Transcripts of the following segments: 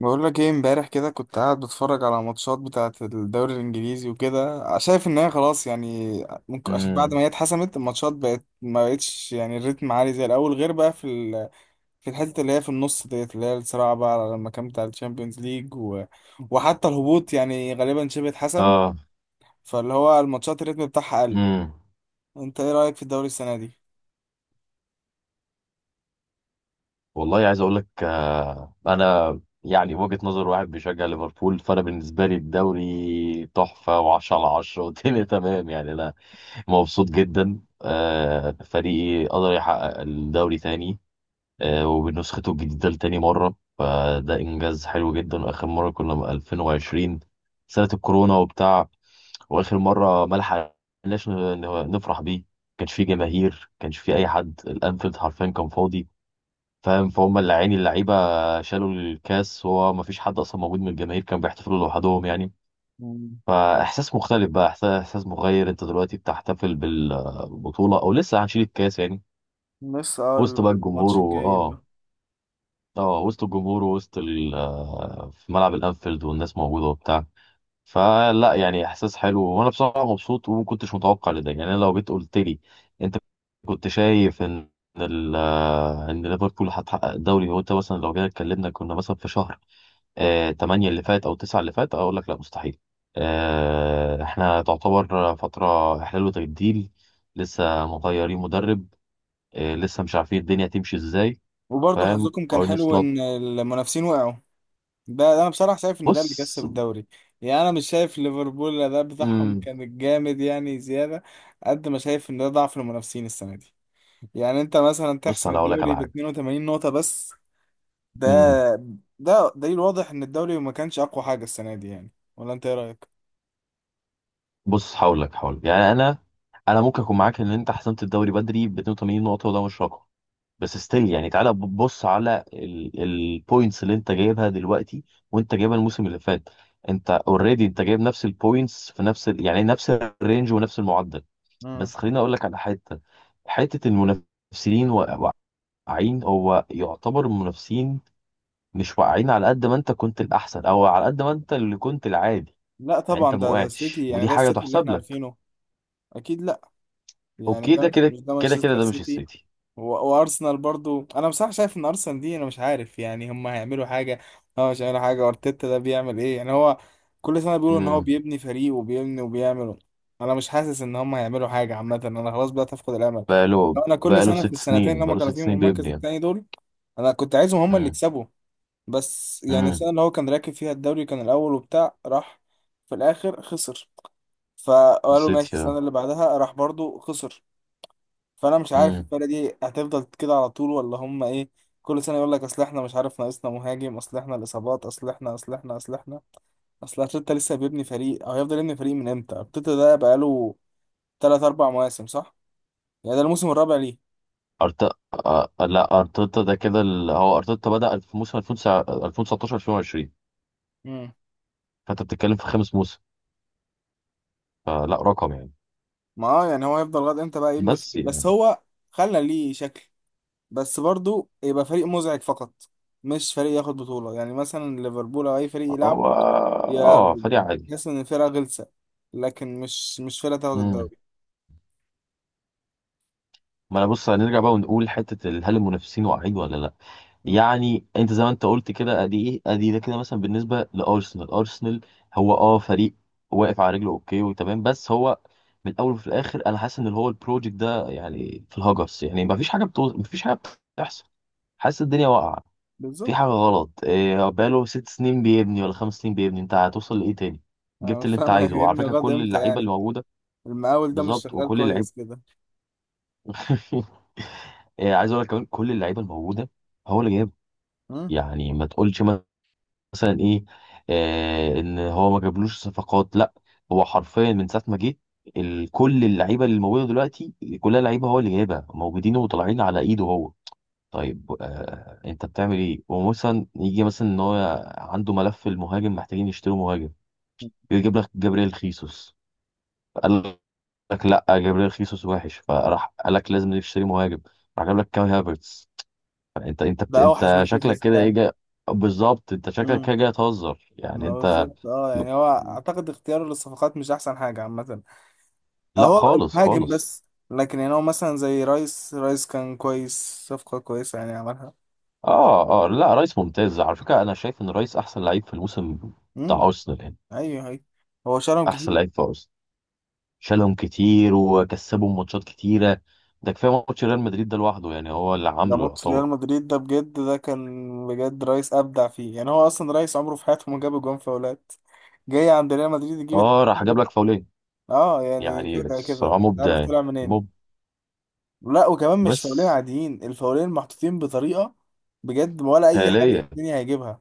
بقول لك ايه، امبارح كده كنت قاعد بتفرج على ماتشات بتاعة الدوري الانجليزي، وكده شايف ان هي خلاص يعني ممكن عشان بعد امم ما هي اتحسمت الماتشات بقت ما بقتش، يعني الريتم عالي زي الاول، غير بقى في في الحتة اللي هي في النص ديت، اللي هي الصراع بقى على المكان بتاع الشامبيونز ليج وحتى الهبوط، يعني غالبا شبه اتحسم. اه فاللي هو الماتشات الريتم بتاعها قل. امم انت ايه رأيك في الدوري السنة دي؟ والله عايز اقول لك انا، يعني وجهة نظر واحد بيشجع ليفربول، فانا بالنسبه لي الدوري تحفه و10 على 10 والدنيا مهم. تمام. يعني انا مبسوط جدا. فريقي قدر يحقق الدوري تاني مهم. وبنسخته الجديده لتاني مره، فده انجاز حلو جدا. واخر مره كنا من 2020، سنه الكورونا وبتاع. واخر مره ما لحقناش نفرح بيه. كانش فيه جماهير، كانش فيه اي أه. حد. الانفيلد حرفيا كان فاضي. فاهم؟ فهم اللي عيني اللعيبه شالوا الكاس وهو ما فيش حد اصلا موجود من الجماهير، كان بيحتفلوا لوحدهم يعني. مم. فاحساس مختلف بقى، احساس مغير. انت دلوقتي بتحتفل بالبطوله او لسه هنشيل الكاس يعني. لسه وسط بقى الجمهور، الماتش الجاي بقى. وسط الجمهور، ووسط ال- آه، في ملعب الانفيلد، والناس موجوده وبتاع. فلا يعني احساس حلو، وانا بصراحه مبسوط وما كنتش متوقع لده. يعني أنا لو جيت قلت لي انت، كنت شايف ان ال ان ليفربول هتحقق الدوري؟ هو انت مثلا لو جينا اتكلمنا كنا مثلا في شهر 8 اللي فات او 9 اللي فات، اقول لك لا مستحيل. احنا تعتبر فتره احلال وتجديد، لسه مغيرين مدرب، لسه مش عارفين الدنيا تمشي ازاي. وبرضه فاهم؟ حظكم كان ارني حلو سلوت. ان المنافسين وقعوا. ده انا بصراحه شايف ان ده اللي بص كسب الدوري، يعني انا مش شايف ليفربول الاداء بتاعهم مم، كان جامد يعني زياده، قد ما شايف ان ده ضعف المنافسين السنه دي. يعني انت مثلا بص تحسم انا اقول لك الدوري على ب حاجه. 82 نقطه بس، ده مم. ده دليل واضح ان الدوري ما كانش اقوى حاجه السنه دي، يعني ولا انت ايه رايك. بص هقول لك. يعني انا ممكن اكون معاك ان انت حسمت الدوري بدري ب 82 نقطه وده مش رقم، بس ستيل يعني تعالى بص على البوينتس اللي انت جايبها دلوقتي وانت جايبها الموسم اللي فات. انت اوريدي انت جايب نفس البوينتس في يعني نفس الرينج ونفس المعدل. مم. بس خليني اقول لك على حته المنافسين واقعين. هو يعتبر المنافسين مش واقعين على قد ما انت كنت الاحسن او على قد ما انت اللي كنت العادي. لا يعني انت طبعا، ما ده وقعتش، السيتي، يعني ودي ده حاجه السيتي اللي تحسب احنا لك. عارفينه. اكيد لا. يعني اوكي، ده ده مش كده مش ده كده كده، مانشستر ده مش سيتي. السيتي. و- وارسنال برضو، انا بصراحه شايف ان ارسنال دي، انا مش عارف يعني هم هيعملوا حاجه. اه مش هيعملوا حاجه. ارتيتا ده بيعمل ايه، يعني هو كل سنه بيقولوا ان هو امم. بيبني فريق وبيبني وبيعمل. انا مش حاسس ان هم هيعملوا حاجه عامه، انا خلاص بدات افقد الامل. بقاله انا كل بقاله سنه في ست السنتين سنين اللي هم بقاله كانوا ست فيهم سنين المركز بيبني يعني. الثاني دول، انا كنت عايزهم هم اللي امم. يكسبوا. بس يعني امم. السنه اللي هو كان راكب فيها الدوري كان الاول وبتاع، راح في الاخر خسر. فقالوا ماشي، السيتي آه. السنه اللي بعدها راح برضو خسر. فانا مش عارف امم. الفرقه دي هتفضل كده على طول ولا هم ايه. كل سنه يقول لك، اصل احنا مش عارف ناقصنا مهاجم، اصل احنا الاصابات، اصل احنا، اصل احنا، اصل احنا، اصل ارتيتا لسه بيبني فريق، او هيفضل يبني فريق من امتى؟ ارتيتا ده بقاله 3 4 مواسم صح، يعني ده الموسم الرابع ليه. أرت... لا ارتيتا ده كده هو ارتيتا بدأ في موسم 2019 2020. امم فانت بتتكلم في 5 موسم، فلا رقم يعني. ما يعني هو هيفضل لغايه امتى بقى يبني بس الفريق؟ بس يعني هو خلى ليه شكل، بس برضو يبقى فريق مزعج فقط، مش فريق ياخد بطوله، يعني مثلا ليفربول او اي فريق يلعبه، هو يا اه فدي عادي. بتحس ان الفرقه غلسه، لكن مش فرقه تاخد امم. الدوري. ما انا بص، هنرجع بقى ونقول حتة هل المنافسين واقعين ولا لا. يعني انت زي ما انت قلت كده، ادي ايه ادي ده كده مثلا بالنسبه لارسنال. ارسنال هو فريق واقف على رجله، اوكي وتمام، بس هو من الاول وفي الاخر انا حاسس ان اللي هو البروجكت ده يعني في الهجرس، يعني ما فيش حاجه بتحصل. حاسس الدنيا واقعه. في بالظبط. حاجه غلط. إيه، بقاله ست سنين بيبني ولا 5 سنين بيبني، انت هتوصل لايه تاني؟ انا جبت مش اللي انت فاهم عايزه، وعلى هيبني فكره الغد كل امتى اللعيبه اللي يعني. موجوده. المقاول ده مش بالظبط، شغال وكل اللعيبه كويس كده. إيه، عايز اقول لك كمان، كل اللعيبه الموجوده هو اللي جايبها. مم. يعني ما تقولش مثلا ايه، ان هو ما جابلوش صفقات، لا، هو حرفيا من ساعه ما جه، كل اللعيبه اللي موجوده دلوقتي كلها لعيبه هو اللي جايبها، موجودين وطالعين على ايده هو. طيب، انت بتعمل ايه ومثلا يجي مثلا ان هو عنده ملف المهاجم، محتاجين يشتروا مهاجم، يجيب لك جابريل خيسوس. قال لك لا، جابريل خيسوس وحش، فراح قال لك لازم نشتري مهاجم، راح جاب لك كام هافرتس. يعني ده اوحش انت من شكلك فيفيز كده ايه كان. جاي. بالظبط، انت شكلك مم. كده جاي تهزر يعني، ما انت. بالظبط، يعني هو اعتقد اختياره للصفقات مش احسن حاجه عامه. لا، اهو، خالص مهاجم خالص. بس. لكن يعني هو مثلا زي رايس كان كويس، صفقه كويسه يعني عملها. اه، اه، لا، رايس ممتاز. على فكره انا شايف ان رايس احسن لعيب في الموسم بتاع امم. ارسنال يعني. ايوه ايوه. هو شالهم احسن كتير. لعيب في ارسنال، شالهم كتير وكسبهم ماتشات كتيره. ده كفايه ماتش ريال مدريد ده لوحده، يعني هو اللي ده عامله ماتش يعتبر. ريال مدريد ده بجد، ده كان بجد، رايس ابدع فيه. يعني هو اصلا رايس عمره في حياته ما جاب جون فاولات، جاي عند ريال مدريد يجيب. اه، راح جاب لك فاولين. اه يعني يعني فجأة كده، الصراحه مش مبدع عارف يعني. طلع منين. مب لا وكمان مش فاولين بس عاديين، الفاولين محطوطين بطريقة بجد، ولا اي حارس في خياليه. الدنيا هيجيبها.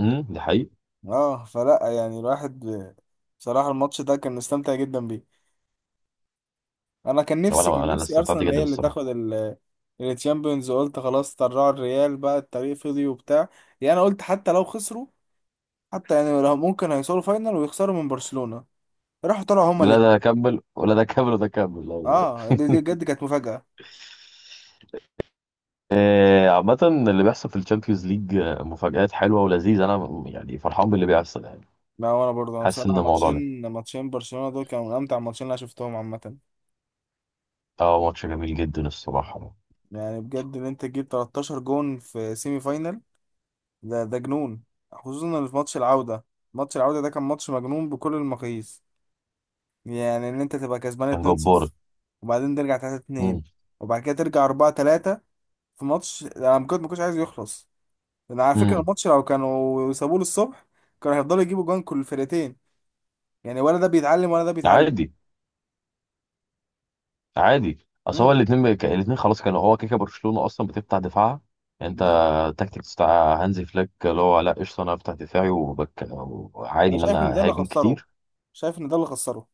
امم، دي حقيقة. اه فلا يعني الواحد بصراحة الماتش ده كان مستمتع جدا بيه. انا كان نفسي كان وانا انا أنا نفسي استمتعت ارسنال هي جدا اللي الصراحه. تاخد التشامبيونز، وقلت خلاص طلعوا الريال بقى الطريق فضي وبتاع، يعني انا قلت حتى لو خسروا، حتى يعني لو ممكن هيوصلوا فاينل ويخسروا من برشلونة. راحوا طلعوا هما لا الاتنين. ده كمل ولا ده كمل ولا ده كمل والله. دي بجد كانت مفاجأة. عامة اللي بيحصل في الشامبيونز ليج مفاجآت حلوة ولذيذة. أنا يعني فرحان باللي بيحصل يعني. لا وانا برضه، انا حاسس بصراحه إن الموضوع ده ماتشين برشلونه دول كانوا من امتع الماتشين اللي انا شفتهم عامه. ماتش جميل جدا الصراحة. يعني بجد، ان انت تجيب 13 جون في سيمي فاينال، ده جنون. خصوصا إن في ماتش العوده ده كان ماتش مجنون بكل المقاييس. يعني ان انت تبقى كسبان كان جبار. 2-0، وبعدين ترجع 3-2، مم. وبعد كده ترجع 4-3، في ماتش انا ما كنتش عايز يخلص. انا على فكره مم. الماتش لو كانوا سابوه للصبح، كانوا هيفضلوا يجيبوا جوان كل الفرقتين، يعني ولا ده بيتعلم ولا ده بيتعلم. عادي. عادي، أصل هو امم الاتنين خلاص كانوا، هو كده كده برشلونة أصلا بتفتح دفاعها. يعني أنت، بالظبط. التكتيكس بتاع هانزي فليك اللي هو: لا قشطة، أنا أفتح دفاعي انا وعادي إن شايف ان ده أنا اللي هاجم خسره، كتير. شايف ان ده اللي خسره.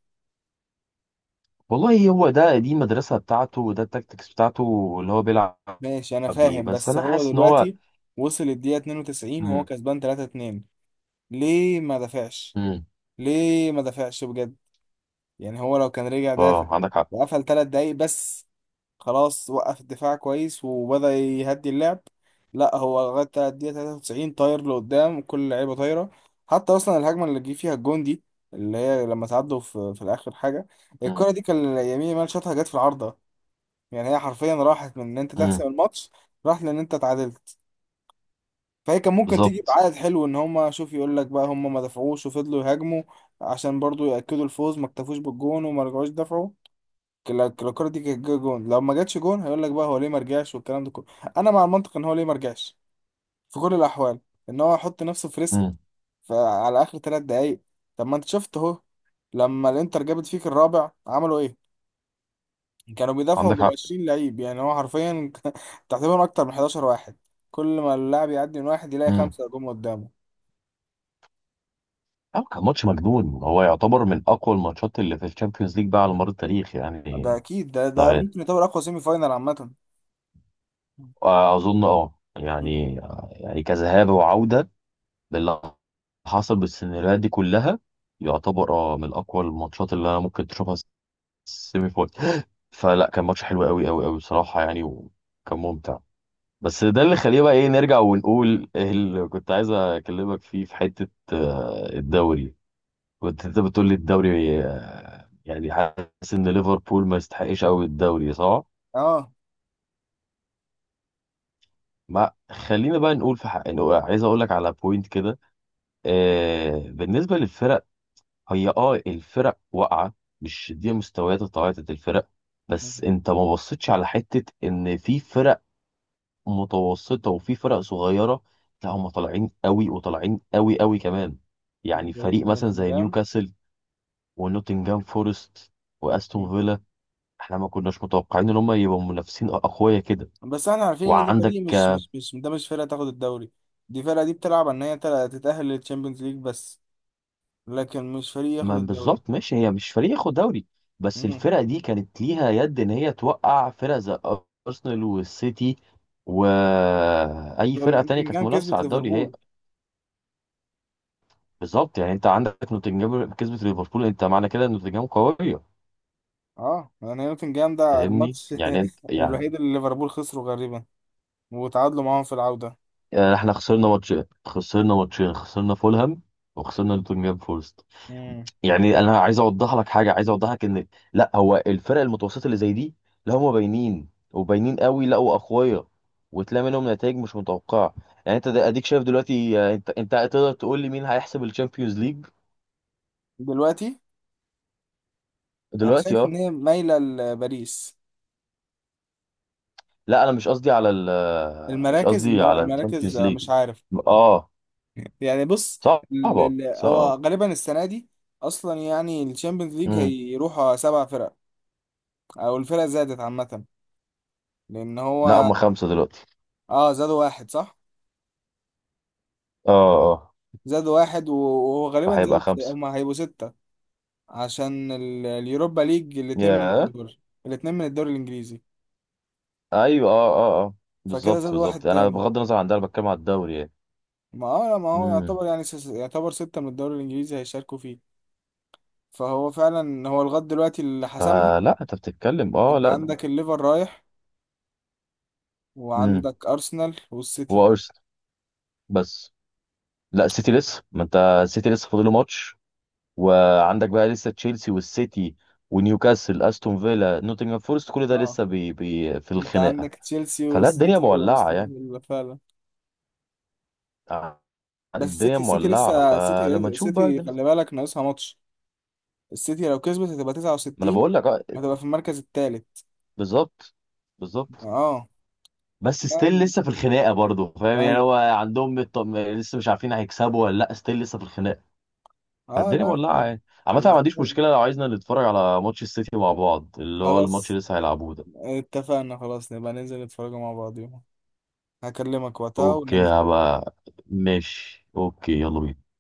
والله هو ده، دي المدرسة بتاعته وده التكتكس بتاعته اللي هو بيلعب ماشي انا بيه. فاهم، بس بس أنا هو حاسس إن هو. دلوقتي وصل الدقيقة 92 وهو مم. كسبان 3-2، ليه ما دافعش؟ مم. ليه ما دافعش بجد؟ يعني هو لو كان رجع دافع اه، عندك حق. وقفل 3 دقايق بس، خلاص وقف الدفاع كويس وبدأ يهدي اللعب. لا هو لغاية الدقيقة 93 طاير لقدام، كل اللعيبة طايرة، حتى أصلا الهجمة اللي جه فيها الجون دي، اللي هي لما تعدوا في الآخر حاجة، الكرة مم. دي كان يمين يامال شاطها جت في العارضة. يعني هي حرفيا راحت من ان انت مم. تحسم الماتش، راحت لان انت اتعادلت. فهي كان ممكن تيجي بالظبط. بعائد حلو، ان هما شوف يقول لك بقى هما ما دفعوش وفضلوا يهاجموا عشان برضو ياكدوا الفوز، ما اكتفوش بالجون وما رجعوش دفعوا. لو الكره دي كانت جه جون، لو ما جاتش جون هيقول لك بقى هو ليه ما رجعش والكلام ده كله. انا مع المنطق ان هو ليه ما رجعش، في كل الاحوال، ان هو يحط نفسه في ريسك مم. فعلى اخر ثلاث دقايق. طب ما انت شفت اهو لما الانتر جابت فيك الرابع عملوا ايه، كانوا بيدافعوا عندك بال حق. 20 لعيب، يعني هو حرفيا تقريبا اكتر من 11 واحد، كل ما اللاعب يعدي من واحد يلاقي مم. خمسه جم قدامه. أو كان ماتش مجنون. هو يعتبر من أقوى الماتشات اللي في الشامبيونز ليج بقى على مر التاريخ ده يعني. اكيد، ده لا، ممكن يعتبر اقوى سيمي فاينال عامه. أظن، يعني يعني كذهاب وعودة باللي حصل بالسيناريوهات دي كلها، يعتبر من أقوى الماتشات اللي أنا ممكن تشوفها سيمي فاينل. فلا كان ماتش حلو قوي قوي قوي بصراحه يعني، وكان ممتع. بس ده اللي خليه، بقى ايه، نرجع ونقول إيه اللي كنت عايز اكلمك فيه في حته، الدوري. كنت انت بتقول لي الدوري، يعني حاسس ان ليفربول ما يستحقش قوي الدوري، صح؟ اه ما خلينا بقى نقول في حق، إنه عايز اقول لك على بوينت كده. بالنسبه للفرق، هي الفرق واقعه، مش دي مستويات التعاطي الفرق. بس انت ما بصيتش على حته ان في فرق متوسطة وفي فرق صغيرة، لا هم طالعين قوي، وطالعين قوي قوي كمان. يعني زي فريق مثلا زي نوتنجهام. نيوكاسل ونوتنجهام فورست واستون فيلا، احنا ما كناش متوقعين ان هم يبقوا منافسين اقوياء كده. بس احنا عارفين ان دي وعندك فريق مش مش مش ده مش فرقه تاخد الدوري، دي فرقه دي بتلعب ان هي تتاهل للتشامبيونز ليج بس، لكن مش فريق ياخد ما الدوري. بالظبط، ماشي، هي مش فريق ياخد دوري، بس مم. الفرق دي كانت ليها يد ان هي توقع فرق زي ارسنال والسيتي واي ده فرقه تانية كانت نوتنجهام منافسه كسبت على الدوري هي. ليفربول. بالظبط، يعني انت عندك نوتنجهام كسبت ليفربول، انت معنى كده ان نوتنجهام قويه. اه يعني نوتنجهام ده فاهمني الماتش يعني، انت الوحيد يعني اللي ليفربول خسره غالبا، وتعادلوا معاهم في العودة. يعني احنا خسرنا ماتشين، خسرنا فولهام وخسرنا نوتنجهام فورست. مم. يعني انا عايز اوضح لك حاجه، عايز اوضح لك ان، لا، هو الفرق المتوسطه اللي زي دي، لا هم باينين وباينين قوي، لا واقوياء، وتلاقي منهم نتائج مش متوقعه. يعني انت اديك شايف دلوقتي. انت تقدر تقول لي مين هيحسب الشامبيونز ليج دلوقتي انا دلوقتي؟ شايف اه. ان هي مايلة لباريس. لا، انا مش قصدي على ال آه، مش قصدي على المراكز، الشامبيونز ليج. مش عارف، اه، يعني بص، صعبه هو صعبه. غالبا السنة دي اصلا، يعني الشامبيونز ليج امم. هيروحوا سبع فرق، او الفرق زادت عامة، لان لا، هو هم خمسه دلوقتي. اه زادوا واحد صح، اه. اه، زادوا واحد وهو غالبا زادوا فهيبقى خمسة. هم هيبقوا ستة، عشان اليوروبا ليج، الاتنين من يا الدوري الاتنين من الدوري الانجليزي. ايوه، اه، اه، اه، فكده بالظبط، زادوا واحد بالظبط. انا تاني. بغض النظر عن ده، انا بتكلم على الدوري يعني. ما هو امم. يعتبر يعني، يعتبر ستة من الدوري الإنجليزي هيشاركوا فيه. فهو فعلا هو لغاية دلوقتي اللي حسمها. فلا انت بتتكلم، أنت لا. عندك الليفر رايح، امم. وعندك أرسنال والسيتي. هو ارسنال بس. لا، السيتي لسه، ما انت السيتي لسه فاضله ماتش. وعندك بقى لسه تشيلسي والسيتي ونيوكاسل استون فيلا نوتنغهام فورست، كل ده اه لسه بي في أنت الخناقة. عندك تشيلسي فلا الدنيا والسيتي مولعة وأرسنال يعني. فيلا فعلا. آه، بس الدنيا السيتي مولعة، لسه، السيتي فلما نشوف بقى السيتي الدنيا. خلي بالك ناقصها ماتش. السيتي لو كسبت هتبقى ما انا 69، بقول لك، هتبقى في المركز الثالث. بالظبط، بالظبط. اه. بس لا ستيل لسه في الخناقه برضه، فاهم يعني، ايوه. هو عندهم لسه مش عارفين هيكسبوا ولا لا، ستيل لسه في الخناقه. اه فالدنيا لا. مولعه يعني، عامه أنا ما عنديش الأسبوع ده. مشكله لو عايزنا نتفرج على ماتش السيتي مع بعض، اللي هو الماتش خلاص، اللي لسه هيلعبوه ده. اتفقنا، خلاص نبقى ننزل نتفرجوا مع بعض، هكلمك وقتها اوكي، وننزل. هبقى ماشي. اوكي، يلا بينا.